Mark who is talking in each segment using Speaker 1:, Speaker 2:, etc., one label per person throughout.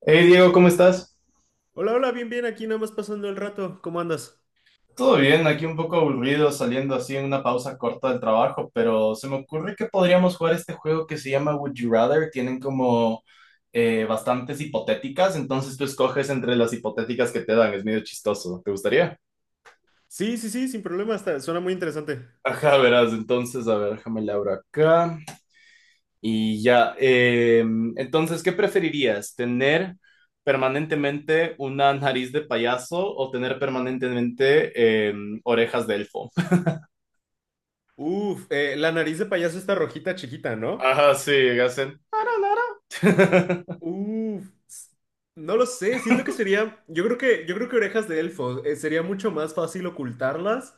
Speaker 1: Hey Diego, ¿cómo estás?
Speaker 2: Hola, hola, bien, bien, aquí nada más pasando el rato. ¿Cómo andas?
Speaker 1: Todo bien, aquí un poco aburrido saliendo así en una pausa corta del trabajo, pero se me ocurre que podríamos jugar este juego que se llama Would You Rather. Tienen como bastantes hipotéticas, entonces tú escoges entre las hipotéticas que te dan, es medio chistoso. ¿Te gustaría?
Speaker 2: Sí, sí, sí, sin problema, está, suena muy interesante.
Speaker 1: Ajá, verás, entonces, a ver, déjame la abro acá. Y ya, entonces, ¿qué preferirías? ¿Tener permanentemente una nariz de payaso o tener permanentemente orejas de elfo?
Speaker 2: Uf, la nariz de payaso está rojita chiquita, ¿no?
Speaker 1: Ajá, sí, hacen.
Speaker 2: Uf, no lo sé, siento que sería, yo creo que orejas de elfo, sería mucho más fácil ocultarlas,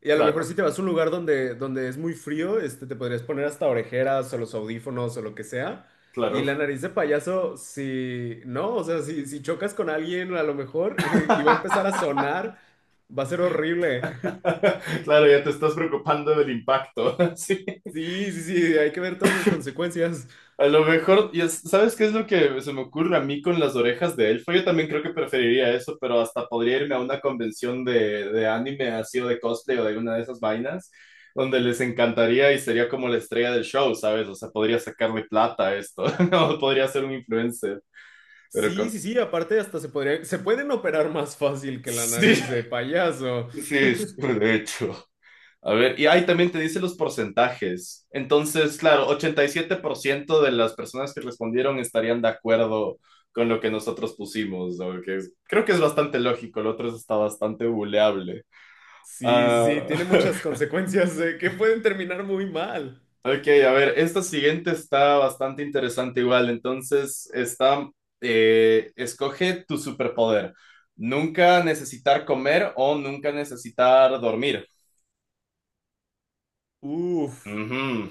Speaker 2: y a lo mejor
Speaker 1: Claro,
Speaker 2: si te vas a un lugar donde es muy frío, este, te podrías poner hasta orejeras o los audífonos o lo que sea. Y la
Speaker 1: claro.
Speaker 2: nariz de payaso, si no, o sea, si chocas con alguien a lo mejor y va a empezar a sonar, va a ser horrible.
Speaker 1: Claro, ya te estás preocupando del impacto. Sí.
Speaker 2: Sí, sí, sí, hay que ver todas las consecuencias.
Speaker 1: A lo mejor, ¿sabes qué es lo que se me ocurre a mí con las orejas de elfo? Yo también creo que preferiría eso, pero hasta podría irme a una convención de anime así o de cosplay o de alguna de esas vainas, donde les encantaría y sería como la estrella del show, ¿sabes? O sea, podría sacarle plata a esto, o podría ser un influencer. Pero
Speaker 2: Sí,
Speaker 1: con-
Speaker 2: sí, sí, aparte hasta se podría, se pueden operar más fácil que la
Speaker 1: sí,
Speaker 2: nariz de payaso.
Speaker 1: sí, sí, de hecho. A ver, y ahí también te dice los porcentajes. Entonces, claro, 87% de las personas que respondieron estarían de acuerdo con lo que nosotros pusimos, ¿no? Creo que es bastante lógico, el otro está bastante buleable.
Speaker 2: Sí,
Speaker 1: Ah,
Speaker 2: sí, tiene muchas consecuencias que pueden terminar muy mal.
Speaker 1: ok, a ver, esta siguiente está bastante interesante igual. Entonces, está, escoge tu superpoder. Nunca necesitar comer o nunca necesitar dormir.
Speaker 2: Uf,
Speaker 1: Ujú.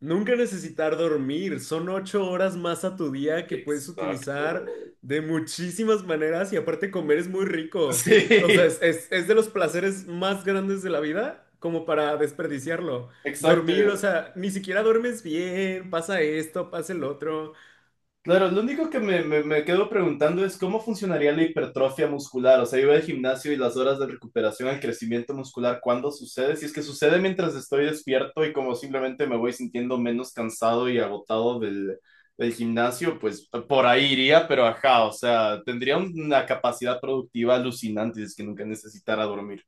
Speaker 2: nunca necesitar dormir. Son 8 horas más a tu día que puedes utilizar
Speaker 1: Exacto.
Speaker 2: de muchísimas maneras, y aparte comer es muy rico. O sea,
Speaker 1: Sí,
Speaker 2: es de los placeres más grandes de la vida como para desperdiciarlo. Dormir, o
Speaker 1: exacto.
Speaker 2: sea, ni siquiera duermes bien, pasa esto, pasa el otro.
Speaker 1: Claro, lo único que me quedo preguntando es cómo funcionaría la hipertrofia muscular. O sea, yo voy al gimnasio y las horas de recuperación, el crecimiento muscular, ¿cuándo sucede? Si es que sucede mientras estoy despierto y como simplemente me voy sintiendo menos cansado y agotado del gimnasio, pues por ahí iría, pero ajá, o sea, tendría una capacidad productiva alucinante si es que nunca necesitara dormir.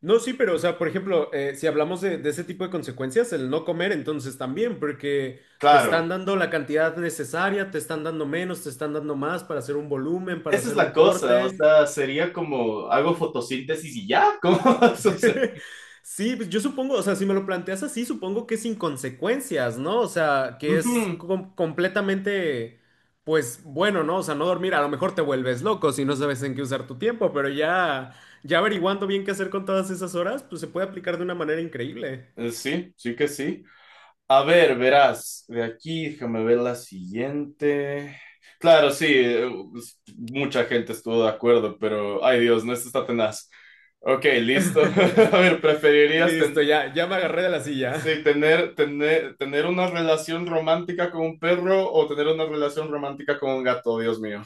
Speaker 2: No, sí, pero, o sea, por ejemplo, si hablamos de ese tipo de consecuencias, el no comer, entonces también, porque te
Speaker 1: Claro.
Speaker 2: están dando la cantidad necesaria, te están dando menos, te están dando más para hacer un volumen, para
Speaker 1: Esa es
Speaker 2: hacer un
Speaker 1: la cosa, o
Speaker 2: corte.
Speaker 1: sea, sería como hago fotosíntesis y ya, ¿cómo sucede?
Speaker 2: Sí, pues yo supongo, o sea, si me lo planteas así, supongo que es sin consecuencias, ¿no? O sea, que es completamente, pues bueno, ¿no? O sea, no dormir, a lo mejor te vuelves loco si no sabes en qué usar tu tiempo, pero ya, ya averiguando bien qué hacer con todas esas horas, pues se puede aplicar de una manera increíble.
Speaker 1: Sí, sí que sí. A ver, verás, de aquí déjame ver la siguiente. Claro, sí, mucha gente estuvo de acuerdo, pero ay Dios, no, esto está tenaz. Ok, listo. A ver, ¿preferirías
Speaker 2: Listo, ya, ya me agarré de la
Speaker 1: sí,
Speaker 2: silla.
Speaker 1: tener una relación romántica con un perro o tener una relación romántica con un gato? Dios mío.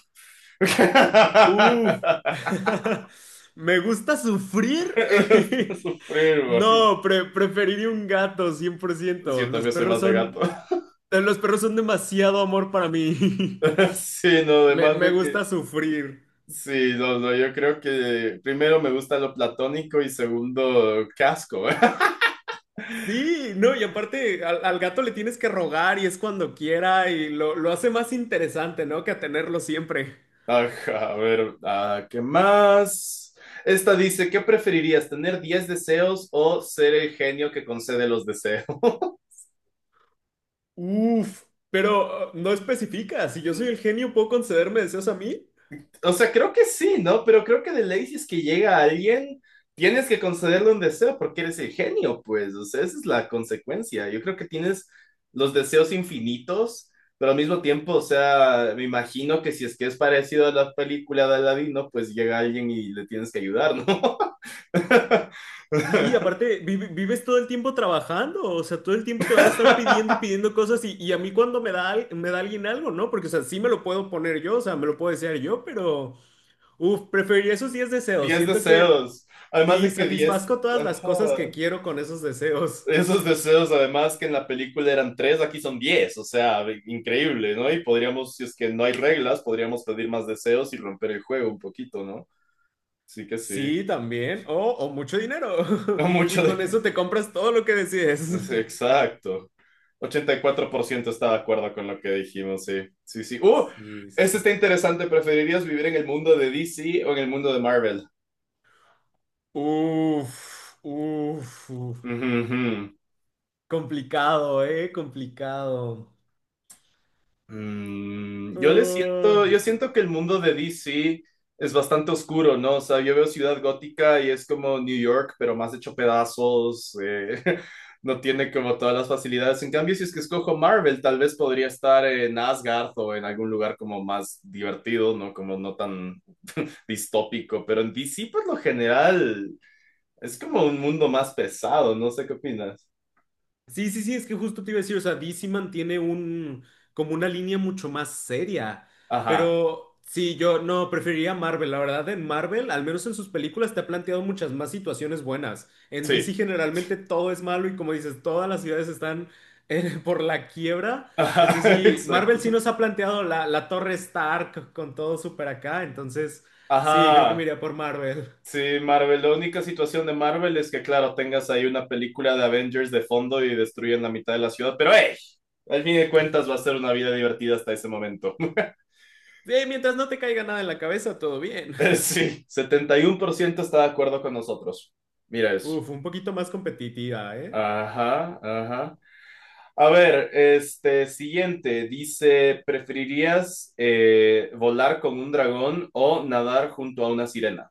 Speaker 2: Uf. Me gusta sufrir.
Speaker 1: Esto es sufrir, bro.
Speaker 2: No, preferiría un gato, cien por
Speaker 1: Sí,
Speaker 2: ciento.
Speaker 1: yo también soy más de gato.
Speaker 2: Los perros son demasiado amor para mí.
Speaker 1: Sí, no,
Speaker 2: Me,
Speaker 1: además
Speaker 2: me
Speaker 1: de que...
Speaker 2: gusta sufrir.
Speaker 1: Sí, no, no, yo creo que primero me gusta lo platónico y segundo casco.
Speaker 2: Sí, no, y aparte al gato le tienes que rogar y es cuando quiera y lo hace más interesante, ¿no? Que a tenerlo siempre.
Speaker 1: Ajá, a ver, ah, ¿qué más? Esta dice, ¿qué preferirías, tener 10 deseos o ser el genio que concede los deseos?
Speaker 2: Uf, pero no especifica. Si yo soy el genio, ¿puedo concederme deseos a mí?
Speaker 1: O sea, creo que sí, ¿no? Pero creo que de ley si es que llega alguien, tienes que concederle un deseo porque eres el genio, pues. O sea, esa es la consecuencia. Yo creo que tienes los deseos infinitos, pero al mismo tiempo, o sea, me imagino que si es que es parecido a la película de Aladino, pues llega alguien y le tienes que ayudar, ¿no?
Speaker 2: Sí, aparte, vives todo el tiempo trabajando, o sea, todo el tiempo te van a estar pidiendo y pidiendo cosas, y a mí cuando me da, me da alguien algo, ¿no? Porque, o sea, sí me lo puedo poner yo, o sea, me lo puedo desear yo, pero, uff, preferiría esos 10 deseos.
Speaker 1: Diez
Speaker 2: Siento que
Speaker 1: deseos. Además
Speaker 2: sí,
Speaker 1: de que 10...
Speaker 2: satisfazco todas las
Speaker 1: Ajá.
Speaker 2: cosas que quiero con esos deseos.
Speaker 1: Esos deseos, además que en la película eran tres, aquí son 10, o sea, increíble, ¿no? Y podríamos, si es que no hay reglas, podríamos pedir más deseos y romper el juego un poquito, ¿no? Sí que sí.
Speaker 2: Sí, también, o mucho dinero.
Speaker 1: No mucho
Speaker 2: Y con
Speaker 1: de...
Speaker 2: eso te compras todo lo que decides.
Speaker 1: Sí, exacto. 84% está de acuerdo con lo que dijimos, sí. Sí, sí. ¡Uh!
Speaker 2: Sí, sí,
Speaker 1: Este
Speaker 2: sí.
Speaker 1: está interesante. ¿Preferirías vivir en el mundo de DC o en el mundo de Marvel?
Speaker 2: Uf, uf, uf.
Speaker 1: Ujú, ujú.
Speaker 2: Complicado, ¿eh? Complicado.
Speaker 1: Mm, yo
Speaker 2: Ah,
Speaker 1: siento que el mundo de DC es bastante oscuro, ¿no? O sea, yo veo Ciudad Gótica y es como New York, pero más hecho pedazos, no tiene como todas las facilidades. En cambio, si es que escojo Marvel, tal vez podría estar en Asgard o en algún lugar como más divertido, ¿no? Como no tan distópico, pero en DC por lo general es como un mundo más pesado, no sé qué opinas.
Speaker 2: sí, sí, sí, es que justo te iba a decir, o sea, DC mantiene un, como una línea mucho más seria,
Speaker 1: Ajá,
Speaker 2: pero sí, yo no, preferiría Marvel, la verdad. En Marvel, al menos en sus películas, te ha planteado muchas más situaciones buenas. En DC
Speaker 1: sí.
Speaker 2: generalmente todo es malo, y como dices, todas las ciudades están por la quiebra. Entonces
Speaker 1: Ajá,
Speaker 2: sí, Marvel sí
Speaker 1: exacto.
Speaker 2: nos ha planteado la, la Torre Stark con todo súper acá, entonces sí, creo que me
Speaker 1: Ajá,
Speaker 2: iría por Marvel.
Speaker 1: sí, Marvel, la única situación de Marvel es que, claro, tengas ahí una película de Avengers de fondo y destruyen la mitad de la ciudad, pero ¡hey! Al fin de cuentas va a ser una vida divertida hasta ese momento.
Speaker 2: Sí, mientras no te caiga nada en la cabeza, todo bien.
Speaker 1: Sí, 71% está de acuerdo con nosotros. Mira eso.
Speaker 2: Uf, un poquito más competitiva, ¿eh?
Speaker 1: Ajá, ajá. A ver, este siguiente dice, ¿preferirías volar con un dragón o nadar junto a una sirena?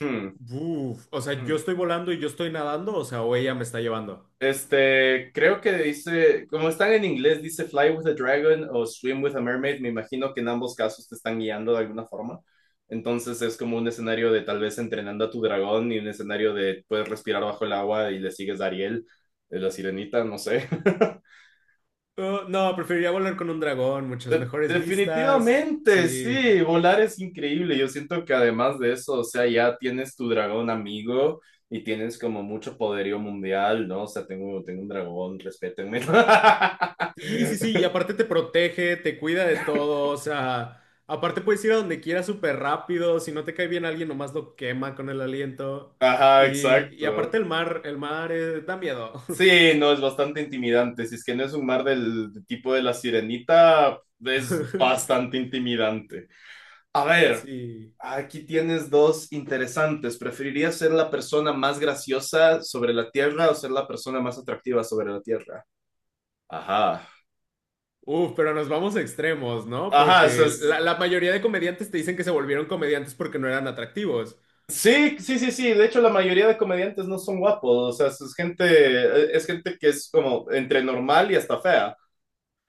Speaker 1: Hmm,
Speaker 2: Uf, o sea,
Speaker 1: hmm.
Speaker 2: yo estoy volando y yo estoy nadando, o sea, o ella me está llevando.
Speaker 1: Este, creo que dice, como están en inglés, dice Fly with a Dragon o Swim with a Mermaid. Me imagino que en ambos casos te están guiando de alguna forma. Entonces es como un escenario de tal vez entrenando a tu dragón y un escenario de puedes respirar bajo el agua y le sigues a Ariel, la sirenita, no sé.
Speaker 2: No, preferiría volar con un dragón, muchas mejores vistas.
Speaker 1: Definitivamente,
Speaker 2: Sí.
Speaker 1: sí, volar es increíble. Yo siento que además de eso, o sea, ya tienes tu dragón amigo y tienes como mucho poderío mundial, ¿no? O sea, tengo un dragón, respétenme.
Speaker 2: Sí, sí, sí, y aparte te protege, te cuida de todo, o sea, aparte puedes ir a donde quieras súper rápido, si no te cae bien alguien, nomás lo quema con el aliento.
Speaker 1: Ajá,
Speaker 2: Y aparte
Speaker 1: exacto.
Speaker 2: el mar da miedo.
Speaker 1: Sí, no, es bastante intimidante. Si es que no es un mar del tipo de la sirenita, es bastante intimidante. A ver,
Speaker 2: Sí.
Speaker 1: aquí tienes dos interesantes. ¿Preferirías ser la persona más graciosa sobre la Tierra o ser la persona más atractiva sobre la Tierra? Ajá.
Speaker 2: Uf, pero nos vamos a extremos, ¿no?
Speaker 1: Ajá, eso
Speaker 2: Porque
Speaker 1: es...
Speaker 2: la mayoría de comediantes te dicen que se volvieron comediantes porque no eran atractivos.
Speaker 1: Sí, sí, sí, sí. De hecho, la mayoría de comediantes no son guapos. O sea, es gente que es como entre normal y hasta fea.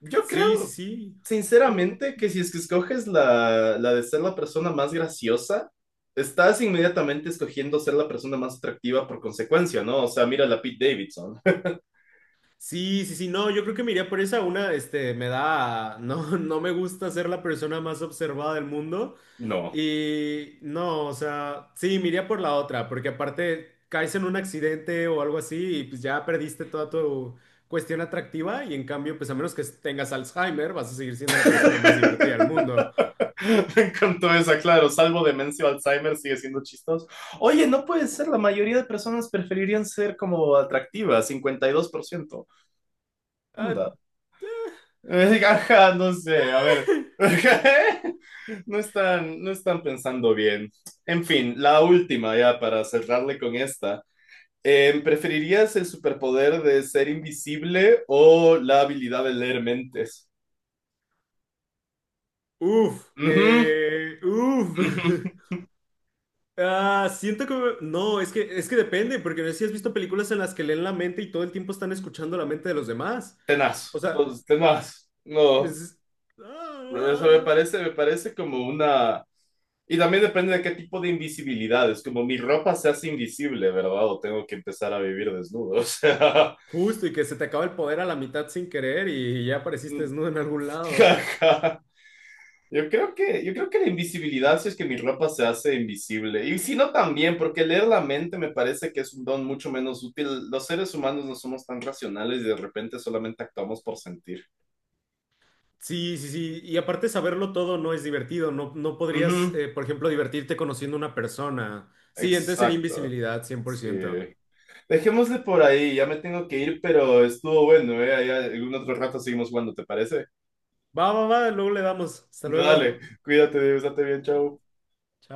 Speaker 1: Yo
Speaker 2: Sí, sí,
Speaker 1: creo,
Speaker 2: sí. Mm.
Speaker 1: sinceramente que si es que escoges la de ser la persona más graciosa, estás inmediatamente escogiendo ser la persona más atractiva por consecuencia, ¿no? O sea, mira la Pete Davidson.
Speaker 2: Sí, sí, sí, no, yo creo que me iría por esa una, este, me da, no, no me gusta ser la persona más observada del mundo,
Speaker 1: No.
Speaker 2: y no, o sea, sí, me iría por la otra, porque aparte caes en un accidente o algo así y pues ya perdiste toda tu cuestión atractiva, y en cambio, pues a menos que tengas Alzheimer, vas a seguir siendo la persona más divertida del mundo.
Speaker 1: Me encantó esa, claro, salvo demencia o Alzheimer, sigue siendo chistoso. Oye, no puede ser, la mayoría de personas preferirían ser como atractivas, 52%.
Speaker 2: Ah,
Speaker 1: Anda.
Speaker 2: eh.
Speaker 1: Ajá, no sé, a ver. No están, no están pensando bien. En fin, la última ya para cerrarle con esta. ¿Preferirías el superpoder de ser invisible o la habilidad de leer mentes?
Speaker 2: Uf,
Speaker 1: Ujú,
Speaker 2: uf.
Speaker 1: ujú.
Speaker 2: Ah, siento que... No, es que depende, porque no sé si has visto películas en las que leen la mente y todo el tiempo están escuchando la mente de los demás. O
Speaker 1: Tenaz,
Speaker 2: sea,
Speaker 1: pues, tenaz. No,
Speaker 2: es-
Speaker 1: eso me
Speaker 2: ah,
Speaker 1: parece, me parece como una... Y también depende de qué tipo de invisibilidad. Es como mi ropa se hace invisible, ¿verdad? O tengo que empezar a vivir desnudo. O
Speaker 2: justo y que se te acaba el poder a la mitad sin querer y ya
Speaker 1: sea,
Speaker 2: apareciste desnudo en algún lado.
Speaker 1: Jaja. Yo creo que la invisibilidad, si es que mi ropa se hace invisible. Y si no también, porque leer la mente me parece que es un don mucho menos útil. Los seres humanos no somos tan racionales y de repente solamente actuamos por sentir.
Speaker 2: Sí, sí, sí. Y aparte saberlo todo no es divertido. No, no podrías,
Speaker 1: Ujú,
Speaker 2: por ejemplo, divertirte conociendo una persona. Sí, entonces sería
Speaker 1: exacto.
Speaker 2: invisibilidad, 100%.
Speaker 1: Sí. Dejémosle por ahí, ya me tengo que ir, pero estuvo bueno, ¿eh? Ahí algún otro rato seguimos jugando, ¿te parece?
Speaker 2: Va, va, va, luego le damos. Hasta
Speaker 1: Dale,
Speaker 2: luego.
Speaker 1: cuídate, Dios, date bien, chao.
Speaker 2: Chao.